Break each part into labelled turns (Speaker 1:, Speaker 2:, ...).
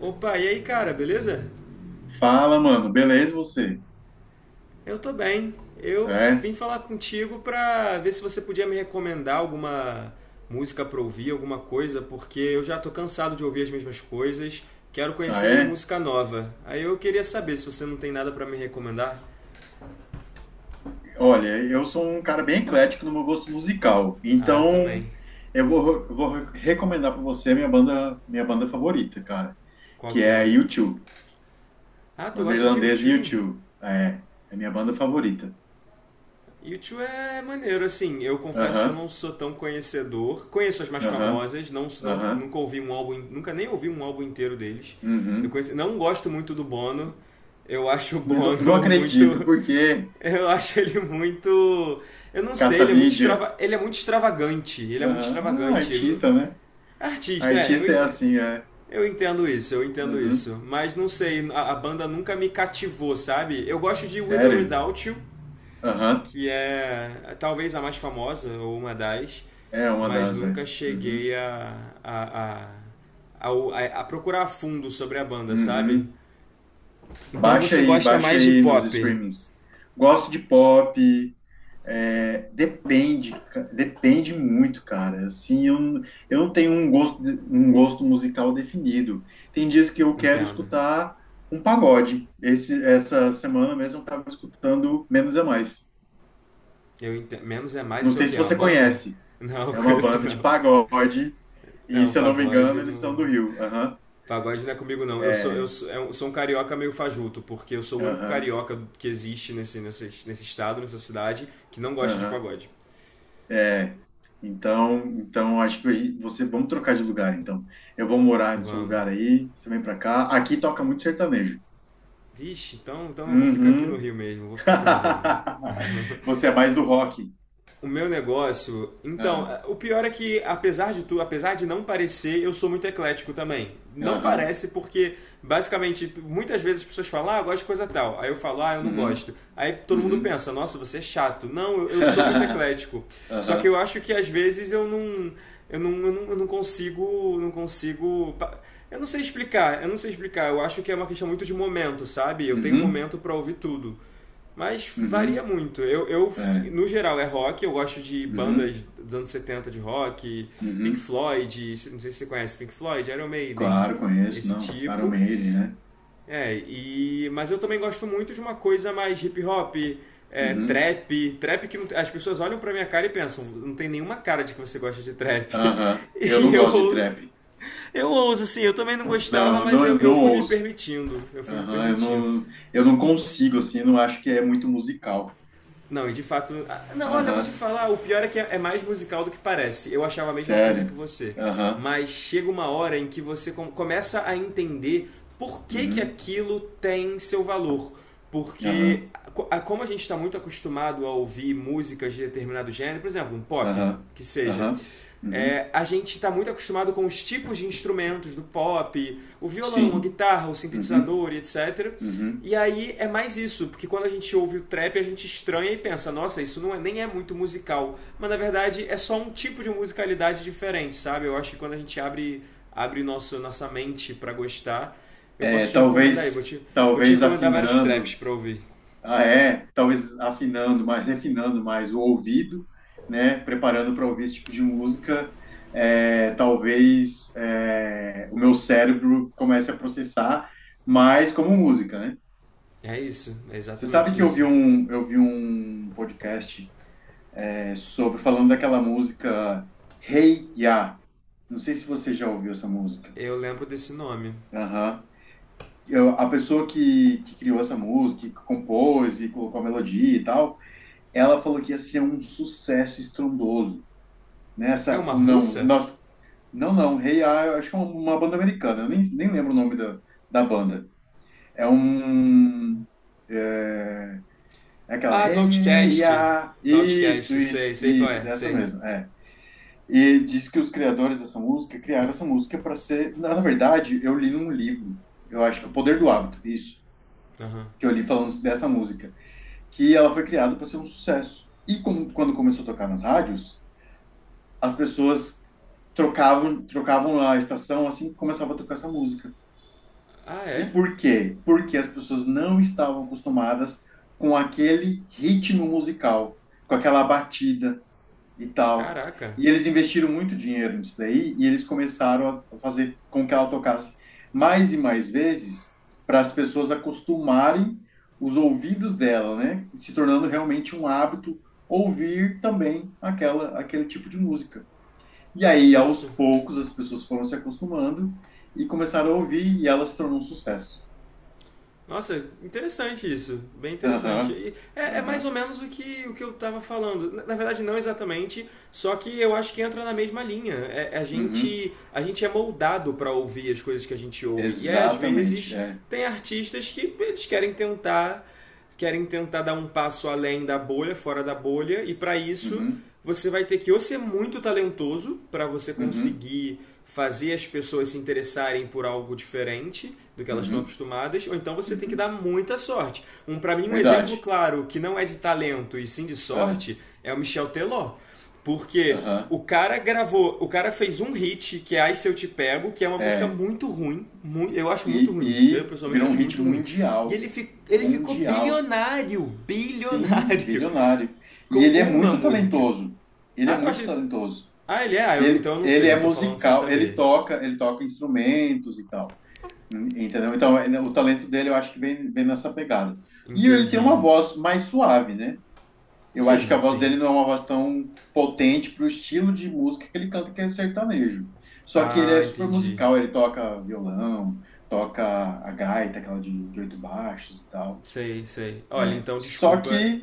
Speaker 1: Opa, e aí, cara, beleza?
Speaker 2: Fala, mano, beleza você?
Speaker 1: Eu tô bem. Eu
Speaker 2: É?
Speaker 1: vim falar contigo pra ver se você podia me recomendar alguma música pra ouvir, alguma coisa, porque eu já tô cansado de ouvir as mesmas coisas. Quero
Speaker 2: Ah,
Speaker 1: conhecer
Speaker 2: é?
Speaker 1: música nova. Aí eu queria saber se você não tem nada pra me recomendar.
Speaker 2: Olha, eu sou um cara bem eclético no meu gosto musical,
Speaker 1: Ah, eu
Speaker 2: então
Speaker 1: também.
Speaker 2: eu vou recomendar para você a minha banda favorita, cara,
Speaker 1: Qual
Speaker 2: que
Speaker 1: que
Speaker 2: é a
Speaker 1: é?
Speaker 2: U2,
Speaker 1: Ah, tu
Speaker 2: banda
Speaker 1: gosta de
Speaker 2: irlandesa
Speaker 1: U2?
Speaker 2: U2. É minha banda favorita.
Speaker 1: U YouTube é maneiro, assim, eu confesso que eu
Speaker 2: Aham,
Speaker 1: não sou tão conhecedor. Conheço as mais
Speaker 2: aham,
Speaker 1: famosas, não
Speaker 2: aham,
Speaker 1: nunca ouvi um álbum, nunca nem ouvi um álbum inteiro deles. Eu
Speaker 2: uhum.
Speaker 1: conheci, não gosto muito do Bono. Eu acho o
Speaker 2: Não, não
Speaker 1: Bono muito,
Speaker 2: acredito, porque
Speaker 1: eu acho ele muito, eu não sei,
Speaker 2: caça-mídia.
Speaker 1: ele é muito extravagante, ele é muito
Speaker 2: Aham, ah,
Speaker 1: extravagante. Ele não-
Speaker 2: artista, né?
Speaker 1: Artista, é,
Speaker 2: Artista é assim, é.
Speaker 1: eu entendo
Speaker 2: Uhum.
Speaker 1: isso, mas não sei, a banda nunca me cativou, sabe? Eu gosto de With or
Speaker 2: Sério?
Speaker 1: Without You,
Speaker 2: Aham.
Speaker 1: que é talvez a mais famosa ou uma das,
Speaker 2: É uma
Speaker 1: mas
Speaker 2: das,
Speaker 1: nunca
Speaker 2: né? Uhum.
Speaker 1: cheguei a, a, a, a procurar a fundo sobre a banda, sabe?
Speaker 2: Uhum.
Speaker 1: Então você gosta
Speaker 2: Baixa
Speaker 1: mais de
Speaker 2: aí nos
Speaker 1: pop,
Speaker 2: streamings. Gosto de pop. É, depende, depende muito, cara. Assim, eu, eu não tenho um gosto, um gosto musical definido. Tem dias que eu quero
Speaker 1: entendo.
Speaker 2: escutar um pagode. Essa semana mesmo eu estava escutando Menos é Mais.
Speaker 1: Eu entendo. Menos é mais,
Speaker 2: Não
Speaker 1: isso é o
Speaker 2: sei
Speaker 1: quê?
Speaker 2: se
Speaker 1: É uma
Speaker 2: você
Speaker 1: banda?
Speaker 2: conhece.
Speaker 1: Não,
Speaker 2: É uma
Speaker 1: conheço
Speaker 2: banda de
Speaker 1: não.
Speaker 2: pagode e,
Speaker 1: Não,
Speaker 2: se eu não me
Speaker 1: pagode
Speaker 2: engano, eles são
Speaker 1: não.
Speaker 2: do Rio. Aham.
Speaker 1: Pagode não é comigo não. Eu sou, eu
Speaker 2: É.
Speaker 1: sou, eu sou um carioca meio fajuto, porque eu sou o único
Speaker 2: Aham.
Speaker 1: carioca que existe nesse estado, nessa cidade, que não gosta de
Speaker 2: Aham.
Speaker 1: pagode.
Speaker 2: É, então, então acho que você vamos trocar de lugar então. Eu vou morar no seu lugar
Speaker 1: Vamos.
Speaker 2: aí, você vem pra cá. Aqui toca muito sertanejo.
Speaker 1: Vixe, então, então eu vou ficar aqui no
Speaker 2: Uhum.
Speaker 1: Rio mesmo, vou ficar aqui no Rio mesmo.
Speaker 2: Você é mais do rock.
Speaker 1: O meu negócio, então,
Speaker 2: Ah,
Speaker 1: é, o pior é que apesar de tudo, apesar de não parecer, eu sou muito eclético também. Não
Speaker 2: aham.
Speaker 1: parece porque basicamente muitas vezes as pessoas falam: "Ah, eu gosto de coisa tal". Aí eu falo: "Ah, eu não
Speaker 2: Uhum.
Speaker 1: gosto". Aí todo mundo
Speaker 2: Uhum.
Speaker 1: pensa: "Nossa, você é chato". Não, eu sou muito eclético. Só que eu
Speaker 2: Aham.
Speaker 1: acho que às vezes eu não consigo, eu não sei explicar, eu não sei explicar. Eu acho que é uma questão muito de momento, sabe? Eu tenho um
Speaker 2: Uhum.
Speaker 1: momento para ouvir tudo. Mas varia
Speaker 2: Uhum.
Speaker 1: muito.
Speaker 2: É.
Speaker 1: No geral, é rock. Eu gosto de
Speaker 2: Uhum.
Speaker 1: bandas dos anos 70 de rock, Pink
Speaker 2: Uhum.
Speaker 1: Floyd, não sei se você conhece Pink Floyd, Iron Maiden,
Speaker 2: Claro, conheço,
Speaker 1: esse
Speaker 2: não. Iron
Speaker 1: tipo.
Speaker 2: Maiden, né?
Speaker 1: É, e, mas eu também gosto muito de uma coisa mais hip hop, é,
Speaker 2: Uhum.
Speaker 1: trap. Trap que não- as pessoas olham pra minha cara e pensam, não tem nenhuma cara de que você gosta de trap.
Speaker 2: Aham. Eu
Speaker 1: E
Speaker 2: não gosto de
Speaker 1: eu,
Speaker 2: trap.
Speaker 1: eu ouso, assim, eu também não
Speaker 2: Não,
Speaker 1: gostava,
Speaker 2: eu
Speaker 1: mas
Speaker 2: não,
Speaker 1: eu,
Speaker 2: eu
Speaker 1: eu
Speaker 2: não
Speaker 1: fui me
Speaker 2: ouço.
Speaker 1: permitindo. Eu fui me
Speaker 2: Aham, eu
Speaker 1: permitindo.
Speaker 2: não, eu não consigo, assim, eu não acho que é muito musical.
Speaker 1: Não, e de fato. Não, olha, eu vou te
Speaker 2: Aham,
Speaker 1: falar, o pior é que é mais musical do que parece. Eu achava a mesma coisa que
Speaker 2: sério.
Speaker 1: você.
Speaker 2: Aham,
Speaker 1: Mas chega uma hora em que você começa a entender por que, que
Speaker 2: uhum,
Speaker 1: aquilo tem seu valor. Porque,
Speaker 2: aham,
Speaker 1: como a gente está muito acostumado a ouvir músicas de determinado gênero, por exemplo, um pop,
Speaker 2: aham,
Speaker 1: que seja.
Speaker 2: aham,
Speaker 1: É,
Speaker 2: uhum,
Speaker 1: a gente está muito acostumado com os tipos de instrumentos do pop, o violão, a
Speaker 2: sim,
Speaker 1: guitarra, o
Speaker 2: uhum,
Speaker 1: sintetizador, e etc. E
Speaker 2: uhum.
Speaker 1: aí é mais isso, porque quando a gente ouve o trap, a gente estranha e pensa, nossa, isso não é, nem é muito musical. Mas na verdade é só um tipo de musicalidade diferente, sabe? Eu acho que quando a gente abre nossa mente pra gostar, eu
Speaker 2: É,
Speaker 1: posso te recomendar aí. Vou
Speaker 2: talvez,
Speaker 1: te, vou te
Speaker 2: talvez
Speaker 1: recomendar vários traps
Speaker 2: afinando,
Speaker 1: pra ouvir.
Speaker 2: talvez afinando mais, refinando mais o ouvido, né, preparando para ouvir esse tipo de música, é, talvez o meu cérebro comece a processar mais como música, né?
Speaker 1: É isso, é
Speaker 2: Você sabe
Speaker 1: exatamente
Speaker 2: que eu vi
Speaker 1: isso.
Speaker 2: um, eu vi um podcast sobre falando daquela música Hey Ya. Não sei se você já ouviu essa música.
Speaker 1: Eu lembro desse nome.
Speaker 2: Aham. A pessoa que criou essa música, que compôs e colocou a melodia e tal, ela falou que ia ser um sucesso estrondoso.
Speaker 1: É
Speaker 2: Nessa,
Speaker 1: uma
Speaker 2: falou, não,
Speaker 1: russa?
Speaker 2: nós, não, não, Hey Ya, eu acho que é uma banda americana, eu nem lembro o nome da banda. É um. É aquela,
Speaker 1: Ah, do
Speaker 2: hey,
Speaker 1: Outcast.
Speaker 2: ya.
Speaker 1: Do
Speaker 2: Isso,
Speaker 1: Outcast, sei,
Speaker 2: isso,
Speaker 1: sei qual
Speaker 2: isso,
Speaker 1: é,
Speaker 2: é essa
Speaker 1: sei.
Speaker 2: mesmo, é. E diz que os criadores dessa música criaram essa música para ser. Na verdade, eu li num livro, eu acho que é O Poder do Hábito, isso,
Speaker 1: Aham.
Speaker 2: que eu li falando dessa música, que ela foi criada para ser um sucesso. E como, quando começou a tocar nas rádios, as pessoas trocavam a estação assim que começava a tocar essa música.
Speaker 1: Ah,
Speaker 2: E
Speaker 1: é?
Speaker 2: por quê? Porque as pessoas não estavam acostumadas com aquele ritmo musical, com aquela batida e tal.
Speaker 1: Caraca.
Speaker 2: E eles investiram muito dinheiro nisso daí e eles começaram a fazer com que ela tocasse mais e mais vezes para as pessoas acostumarem os ouvidos dela, né? Se tornando realmente um hábito ouvir também aquela aquele tipo de música. E aí, aos
Speaker 1: Nossa,
Speaker 2: poucos, as pessoas foram se acostumando e começaram a ouvir e ela se tornou um sucesso.
Speaker 1: Nossa, interessante isso. Bem interessante.
Speaker 2: Aham,
Speaker 1: E é, é mais ou
Speaker 2: aham,
Speaker 1: menos o que eu estava falando. Na, na verdade, não exatamente, só que eu acho que entra na mesma linha. É, é
Speaker 2: uhum,
Speaker 1: a gente é moldado para ouvir as coisas que a gente ouve. E aí, às
Speaker 2: exatamente,
Speaker 1: vezes,
Speaker 2: é.
Speaker 1: tem artistas que eles querem tentar dar um passo além da bolha, fora da bolha, e para isso
Speaker 2: Uhum,
Speaker 1: você vai ter que ou ser muito talentoso para você
Speaker 2: uhum,
Speaker 1: conseguir fazer as pessoas se interessarem por algo diferente do que elas estão
Speaker 2: uhum,
Speaker 1: acostumadas, ou então você tem que dar
Speaker 2: uhum.
Speaker 1: muita sorte. Um para mim um exemplo
Speaker 2: Verdade.
Speaker 1: claro que não é de talento e sim de
Speaker 2: Ah,
Speaker 1: sorte é o Michel Teló. Porque o
Speaker 2: aham,
Speaker 1: cara gravou, o cara fez um hit, que é Ai Se Eu Te Pego, que é uma música
Speaker 2: é.
Speaker 1: muito ruim. Eu acho muito
Speaker 2: E,
Speaker 1: ruim. Eu
Speaker 2: e
Speaker 1: pessoalmente
Speaker 2: virou um
Speaker 1: acho
Speaker 2: hit
Speaker 1: muito ruim. E ele,
Speaker 2: mundial.
Speaker 1: ele ficou
Speaker 2: Mundial.
Speaker 1: bilionário.
Speaker 2: Sim,
Speaker 1: Bilionário.
Speaker 2: bilionário.
Speaker 1: Com
Speaker 2: E ele é
Speaker 1: uma
Speaker 2: muito
Speaker 1: música.
Speaker 2: talentoso. Ele é
Speaker 1: Ah, tu
Speaker 2: muito
Speaker 1: acha.
Speaker 2: talentoso.
Speaker 1: Ah, ele é? Ah, eu então
Speaker 2: Ele,
Speaker 1: eu não
Speaker 2: ele
Speaker 1: sei.
Speaker 2: é
Speaker 1: Eu tô falando sem
Speaker 2: musical, ele
Speaker 1: saber.
Speaker 2: toca, ele toca instrumentos e tal. Entendeu? Então, o talento dele eu acho que vem nessa pegada. E ele tem uma
Speaker 1: Entendi.
Speaker 2: voz mais suave, né? Eu acho que a
Speaker 1: Sim,
Speaker 2: voz
Speaker 1: sim.
Speaker 2: dele não é uma voz tão potente para o estilo de música que ele canta, que é sertanejo. Só que ele é
Speaker 1: Ah,
Speaker 2: super
Speaker 1: entendi.
Speaker 2: musical, ele toca violão, toca a gaita, aquela de oito baixos e tal.
Speaker 1: Sei, sei. Olha,
Speaker 2: É.
Speaker 1: então
Speaker 2: Só
Speaker 1: desculpa.
Speaker 2: que,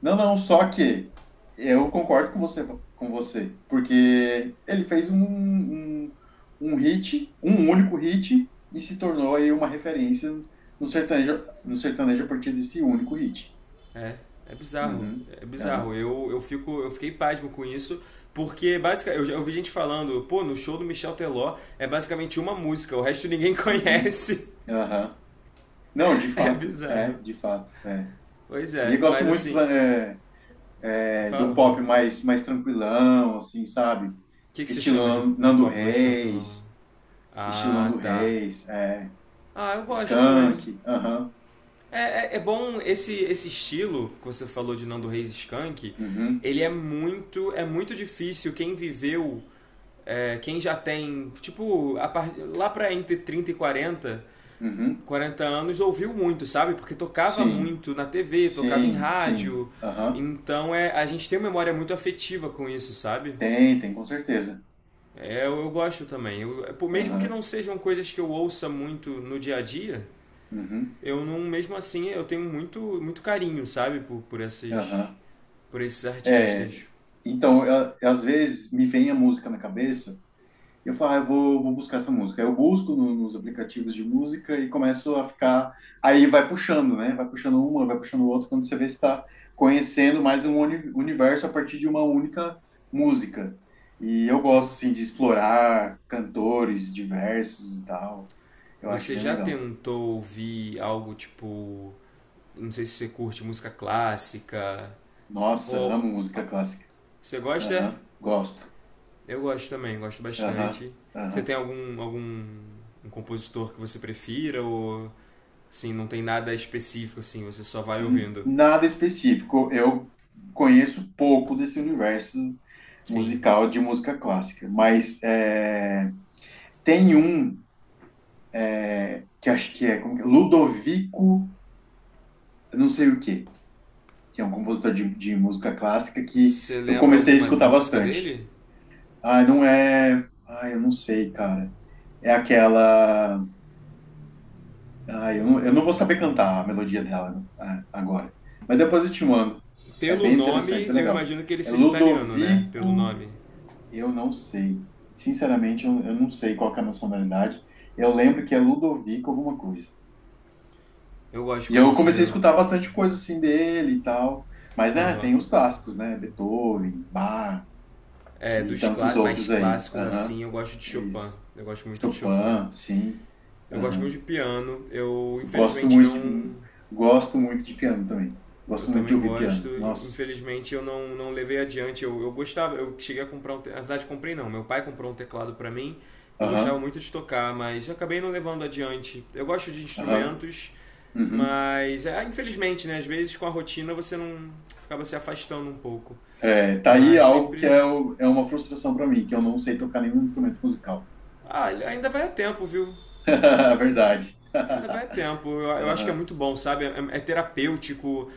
Speaker 2: não, não, só que eu concordo com você, porque ele fez um, um hit, um único hit, e se tornou aí uma referência no sertanejo a partir desse único hit.
Speaker 1: É, é bizarro.
Speaker 2: Uhum,
Speaker 1: É bizarro.
Speaker 2: aham,
Speaker 1: Eu fiquei pasmo com isso, porque basicamente eu já ouvi gente falando, pô, no show do Michel Teló é basicamente uma música, o resto ninguém
Speaker 2: uhum.
Speaker 1: conhece.
Speaker 2: Aham. Não, de
Speaker 1: É
Speaker 2: fato, é,
Speaker 1: bizarro.
Speaker 2: de fato, é.
Speaker 1: Pois
Speaker 2: E
Speaker 1: é,
Speaker 2: eu gosto
Speaker 1: mas
Speaker 2: muito
Speaker 1: assim,
Speaker 2: de um
Speaker 1: fala, fala. O
Speaker 2: pop mais tranquilão, assim, sabe?
Speaker 1: que, que você chama
Speaker 2: Estilo
Speaker 1: de
Speaker 2: Nando
Speaker 1: pop mais tranquilão?
Speaker 2: Reis, estilo
Speaker 1: Ah,
Speaker 2: Nando
Speaker 1: tá.
Speaker 2: Reis, é,
Speaker 1: Ah, eu gosto também.
Speaker 2: Skank, aham,
Speaker 1: É, é, é bom esse estilo que você falou de Nando Reis e Skank,
Speaker 2: uhum,
Speaker 1: ele é muito difícil quem viveu é, quem já tem, tipo, lá pra entre 30 e 40,
Speaker 2: uhum,
Speaker 1: 40 anos, ouviu muito, sabe? Porque tocava
Speaker 2: sim,
Speaker 1: muito na TV, tocava em
Speaker 2: sim, sim,
Speaker 1: rádio.
Speaker 2: aham,
Speaker 1: Então é, a gente tem uma memória muito afetiva com isso, sabe?
Speaker 2: Tem, com certeza,
Speaker 1: É, eu gosto também. Mesmo que não
Speaker 2: aham,
Speaker 1: sejam coisas que eu ouça muito no dia a dia,
Speaker 2: uhum,
Speaker 1: eu não, mesmo assim, eu tenho muito, muito carinho, sabe? Por, por, esses,
Speaker 2: aham.
Speaker 1: por esses
Speaker 2: É,
Speaker 1: artistas.
Speaker 2: então, às vezes me vem a música na cabeça. E eu falo, ah, eu vou buscar essa música. Aí eu busco nos aplicativos de música e começo a ficar. Aí vai puxando, né? Vai puxando uma, vai puxando outra, quando você vê se está conhecendo mais um universo a partir de uma única música. E eu
Speaker 1: Sim.
Speaker 2: gosto, assim, de explorar cantores diversos e tal. Eu acho
Speaker 1: Você
Speaker 2: bem
Speaker 1: já
Speaker 2: legal.
Speaker 1: tentou ouvir algo tipo. Não sei se você curte música clássica.
Speaker 2: Nossa,
Speaker 1: Ou.
Speaker 2: amo música clássica.
Speaker 1: Você gosta?
Speaker 2: Aham, gosto.
Speaker 1: Eu gosto também, gosto
Speaker 2: Aham,
Speaker 1: bastante. Você tem
Speaker 2: aham.
Speaker 1: algum compositor que você prefira? Ou. Assim, não tem nada específico, assim, você só vai ouvindo?
Speaker 2: Nada específico. Eu conheço pouco desse universo
Speaker 1: Sim.
Speaker 2: musical de música clássica, mas é, tem um é, que acho que é, como que é? Ludovico, eu não sei o quê, que é um compositor de música clássica que
Speaker 1: Você
Speaker 2: eu
Speaker 1: lembra
Speaker 2: comecei a
Speaker 1: alguma
Speaker 2: escutar
Speaker 1: música
Speaker 2: bastante.
Speaker 1: dele?
Speaker 2: Ah, não é. Ah, eu não sei, cara. É aquela. Ah, eu não vou saber cantar a melodia dela agora. Mas depois eu te mando. É
Speaker 1: Pelo
Speaker 2: bem interessante,
Speaker 1: nome,
Speaker 2: é
Speaker 1: eu
Speaker 2: legal.
Speaker 1: imagino que ele
Speaker 2: É
Speaker 1: seja italiano, né? Pelo
Speaker 2: Ludovico,
Speaker 1: nome.
Speaker 2: eu não sei. Sinceramente, eu não sei qual que é a nacionalidade. Eu lembro que é Ludovico alguma coisa.
Speaker 1: Eu gosto de
Speaker 2: E eu comecei a
Speaker 1: conhecer.
Speaker 2: escutar bastante coisa assim dele e tal. Mas, né,
Speaker 1: Aham.
Speaker 2: tem os clássicos, né? Beethoven, Bach
Speaker 1: É,
Speaker 2: e tantos
Speaker 1: mais
Speaker 2: outros aí.
Speaker 1: clássicos
Speaker 2: Aham.
Speaker 1: assim, eu gosto de
Speaker 2: É
Speaker 1: Chopin.
Speaker 2: isso.
Speaker 1: Eu gosto muito de Chopin.
Speaker 2: Chopin, sim.
Speaker 1: Eu gosto muito
Speaker 2: Aham.
Speaker 1: de piano. Eu
Speaker 2: Gosto
Speaker 1: infelizmente
Speaker 2: muito
Speaker 1: não.
Speaker 2: de, gosto muito de piano também.
Speaker 1: Eu
Speaker 2: Gosto muito de
Speaker 1: também
Speaker 2: ouvir
Speaker 1: gosto.
Speaker 2: piano.
Speaker 1: In-
Speaker 2: Nossa.
Speaker 1: Infelizmente eu não, não levei adiante. Eu gostava, eu cheguei a comprar um. Na verdade, comprei não. Meu pai comprou um teclado pra mim. Eu gostava
Speaker 2: Aham,
Speaker 1: muito de tocar, mas eu acabei não levando adiante. Eu gosto de
Speaker 2: aham,
Speaker 1: instrumentos,
Speaker 2: uhum.
Speaker 1: mas é, infelizmente, né? Às vezes com a rotina você não acaba se afastando um pouco.
Speaker 2: É, tá aí
Speaker 1: Mas
Speaker 2: algo que
Speaker 1: sempre.
Speaker 2: é, é uma frustração para mim, que eu não sei tocar nenhum instrumento musical.
Speaker 1: Ah, ainda vai a tempo, viu?
Speaker 2: Verdade.
Speaker 1: Ainda vai
Speaker 2: Aham,
Speaker 1: tempo. Eu acho que é muito bom, sabe? É, é terapêutico,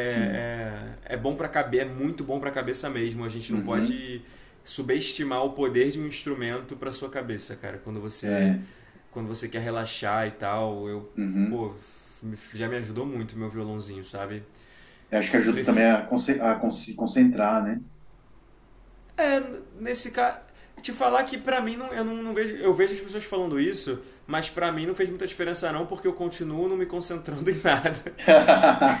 Speaker 2: sim.
Speaker 1: é, é bom pra cabeça, é muito bom pra cabeça mesmo. A gente não
Speaker 2: Uhum.
Speaker 1: pode subestimar o poder de um instrumento pra sua cabeça, cara.
Speaker 2: É.
Speaker 1: Quando você quer relaxar e tal, eu,
Speaker 2: Uhum.
Speaker 1: pô, já me ajudou muito meu violãozinho, sabe?
Speaker 2: Eu acho que ajuda também
Speaker 1: Prefiro...
Speaker 2: a se concentrar, né?
Speaker 1: É, nesse caso. Te falar que pra mim não, eu não, não vejo. Eu vejo as pessoas falando isso, mas pra mim não fez muita diferença não, porque eu continuo não me concentrando em nada.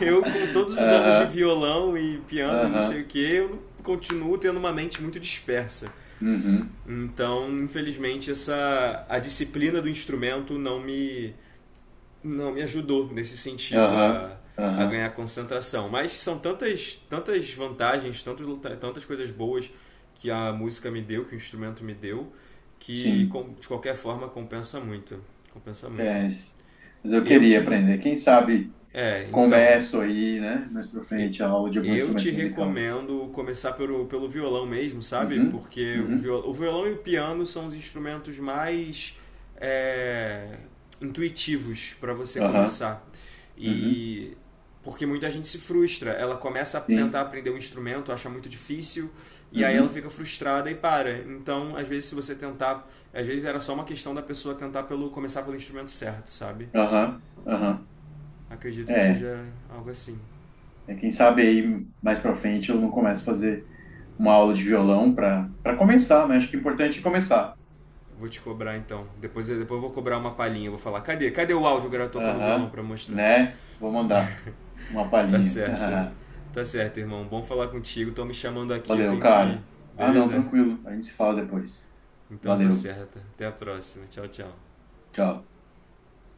Speaker 1: Eu, com todos os anos de
Speaker 2: Aham,
Speaker 1: violão e piano e não sei o
Speaker 2: aham,
Speaker 1: que, eu continuo tendo uma mente muito dispersa.
Speaker 2: uhum,
Speaker 1: Então, infelizmente, essa a disciplina do instrumento não me ajudou nesse sentido
Speaker 2: aham,
Speaker 1: a
Speaker 2: aham,
Speaker 1: ganhar concentração. Mas são tantas vantagens, tantas coisas boas que a música me deu, que o instrumento me deu, que
Speaker 2: sim.
Speaker 1: de qualquer forma compensa muito, compensa muito.
Speaker 2: É, mas eu
Speaker 1: Eu
Speaker 2: queria
Speaker 1: te
Speaker 2: aprender. Quem sabe.
Speaker 1: é, então,
Speaker 2: Começo aí, né? Mais pra
Speaker 1: E-
Speaker 2: frente, a aula de algum
Speaker 1: Eu te
Speaker 2: instrumento musical.
Speaker 1: recomendo começar pelo violão mesmo, sabe?
Speaker 2: Uhum,
Speaker 1: Porque o,
Speaker 2: uhum,
Speaker 1: viol, o violão e o piano são os instrumentos mais é, intuitivos para você
Speaker 2: aham,
Speaker 1: começar.
Speaker 2: uhum,
Speaker 1: E porque muita gente se frustra, ela começa a tentar
Speaker 2: sim,
Speaker 1: aprender um instrumento, acha muito difícil, e aí ela
Speaker 2: uhum,
Speaker 1: fica frustrada e para. Então, às vezes, se você tentar, às vezes era só uma questão da pessoa tentar pelo começar pelo instrumento certo, sabe?
Speaker 2: aham, aham.
Speaker 1: Acredito que
Speaker 2: É,
Speaker 1: seja algo assim.
Speaker 2: Quem sabe aí mais pra frente eu não começo a fazer uma aula de violão pra começar, né? Acho que é importante começar.
Speaker 1: Vou te cobrar então. Depois eu vou cobrar uma palhinha. Vou falar, cadê? Cadê o áudio? O cara tocando violão
Speaker 2: Aham,
Speaker 1: pra mostrar.
Speaker 2: né? Vou mandar uma
Speaker 1: Tá
Speaker 2: palhinha.
Speaker 1: certo. Tá certo, irmão. Bom falar contigo. Estão me chamando aqui, eu
Speaker 2: Valeu,
Speaker 1: tenho que ir.
Speaker 2: cara. Ah, não,
Speaker 1: Beleza?
Speaker 2: tranquilo. A gente se fala depois.
Speaker 1: Então tá
Speaker 2: Valeu,
Speaker 1: certo. Até a próxima. Tchau, tchau.
Speaker 2: tchau.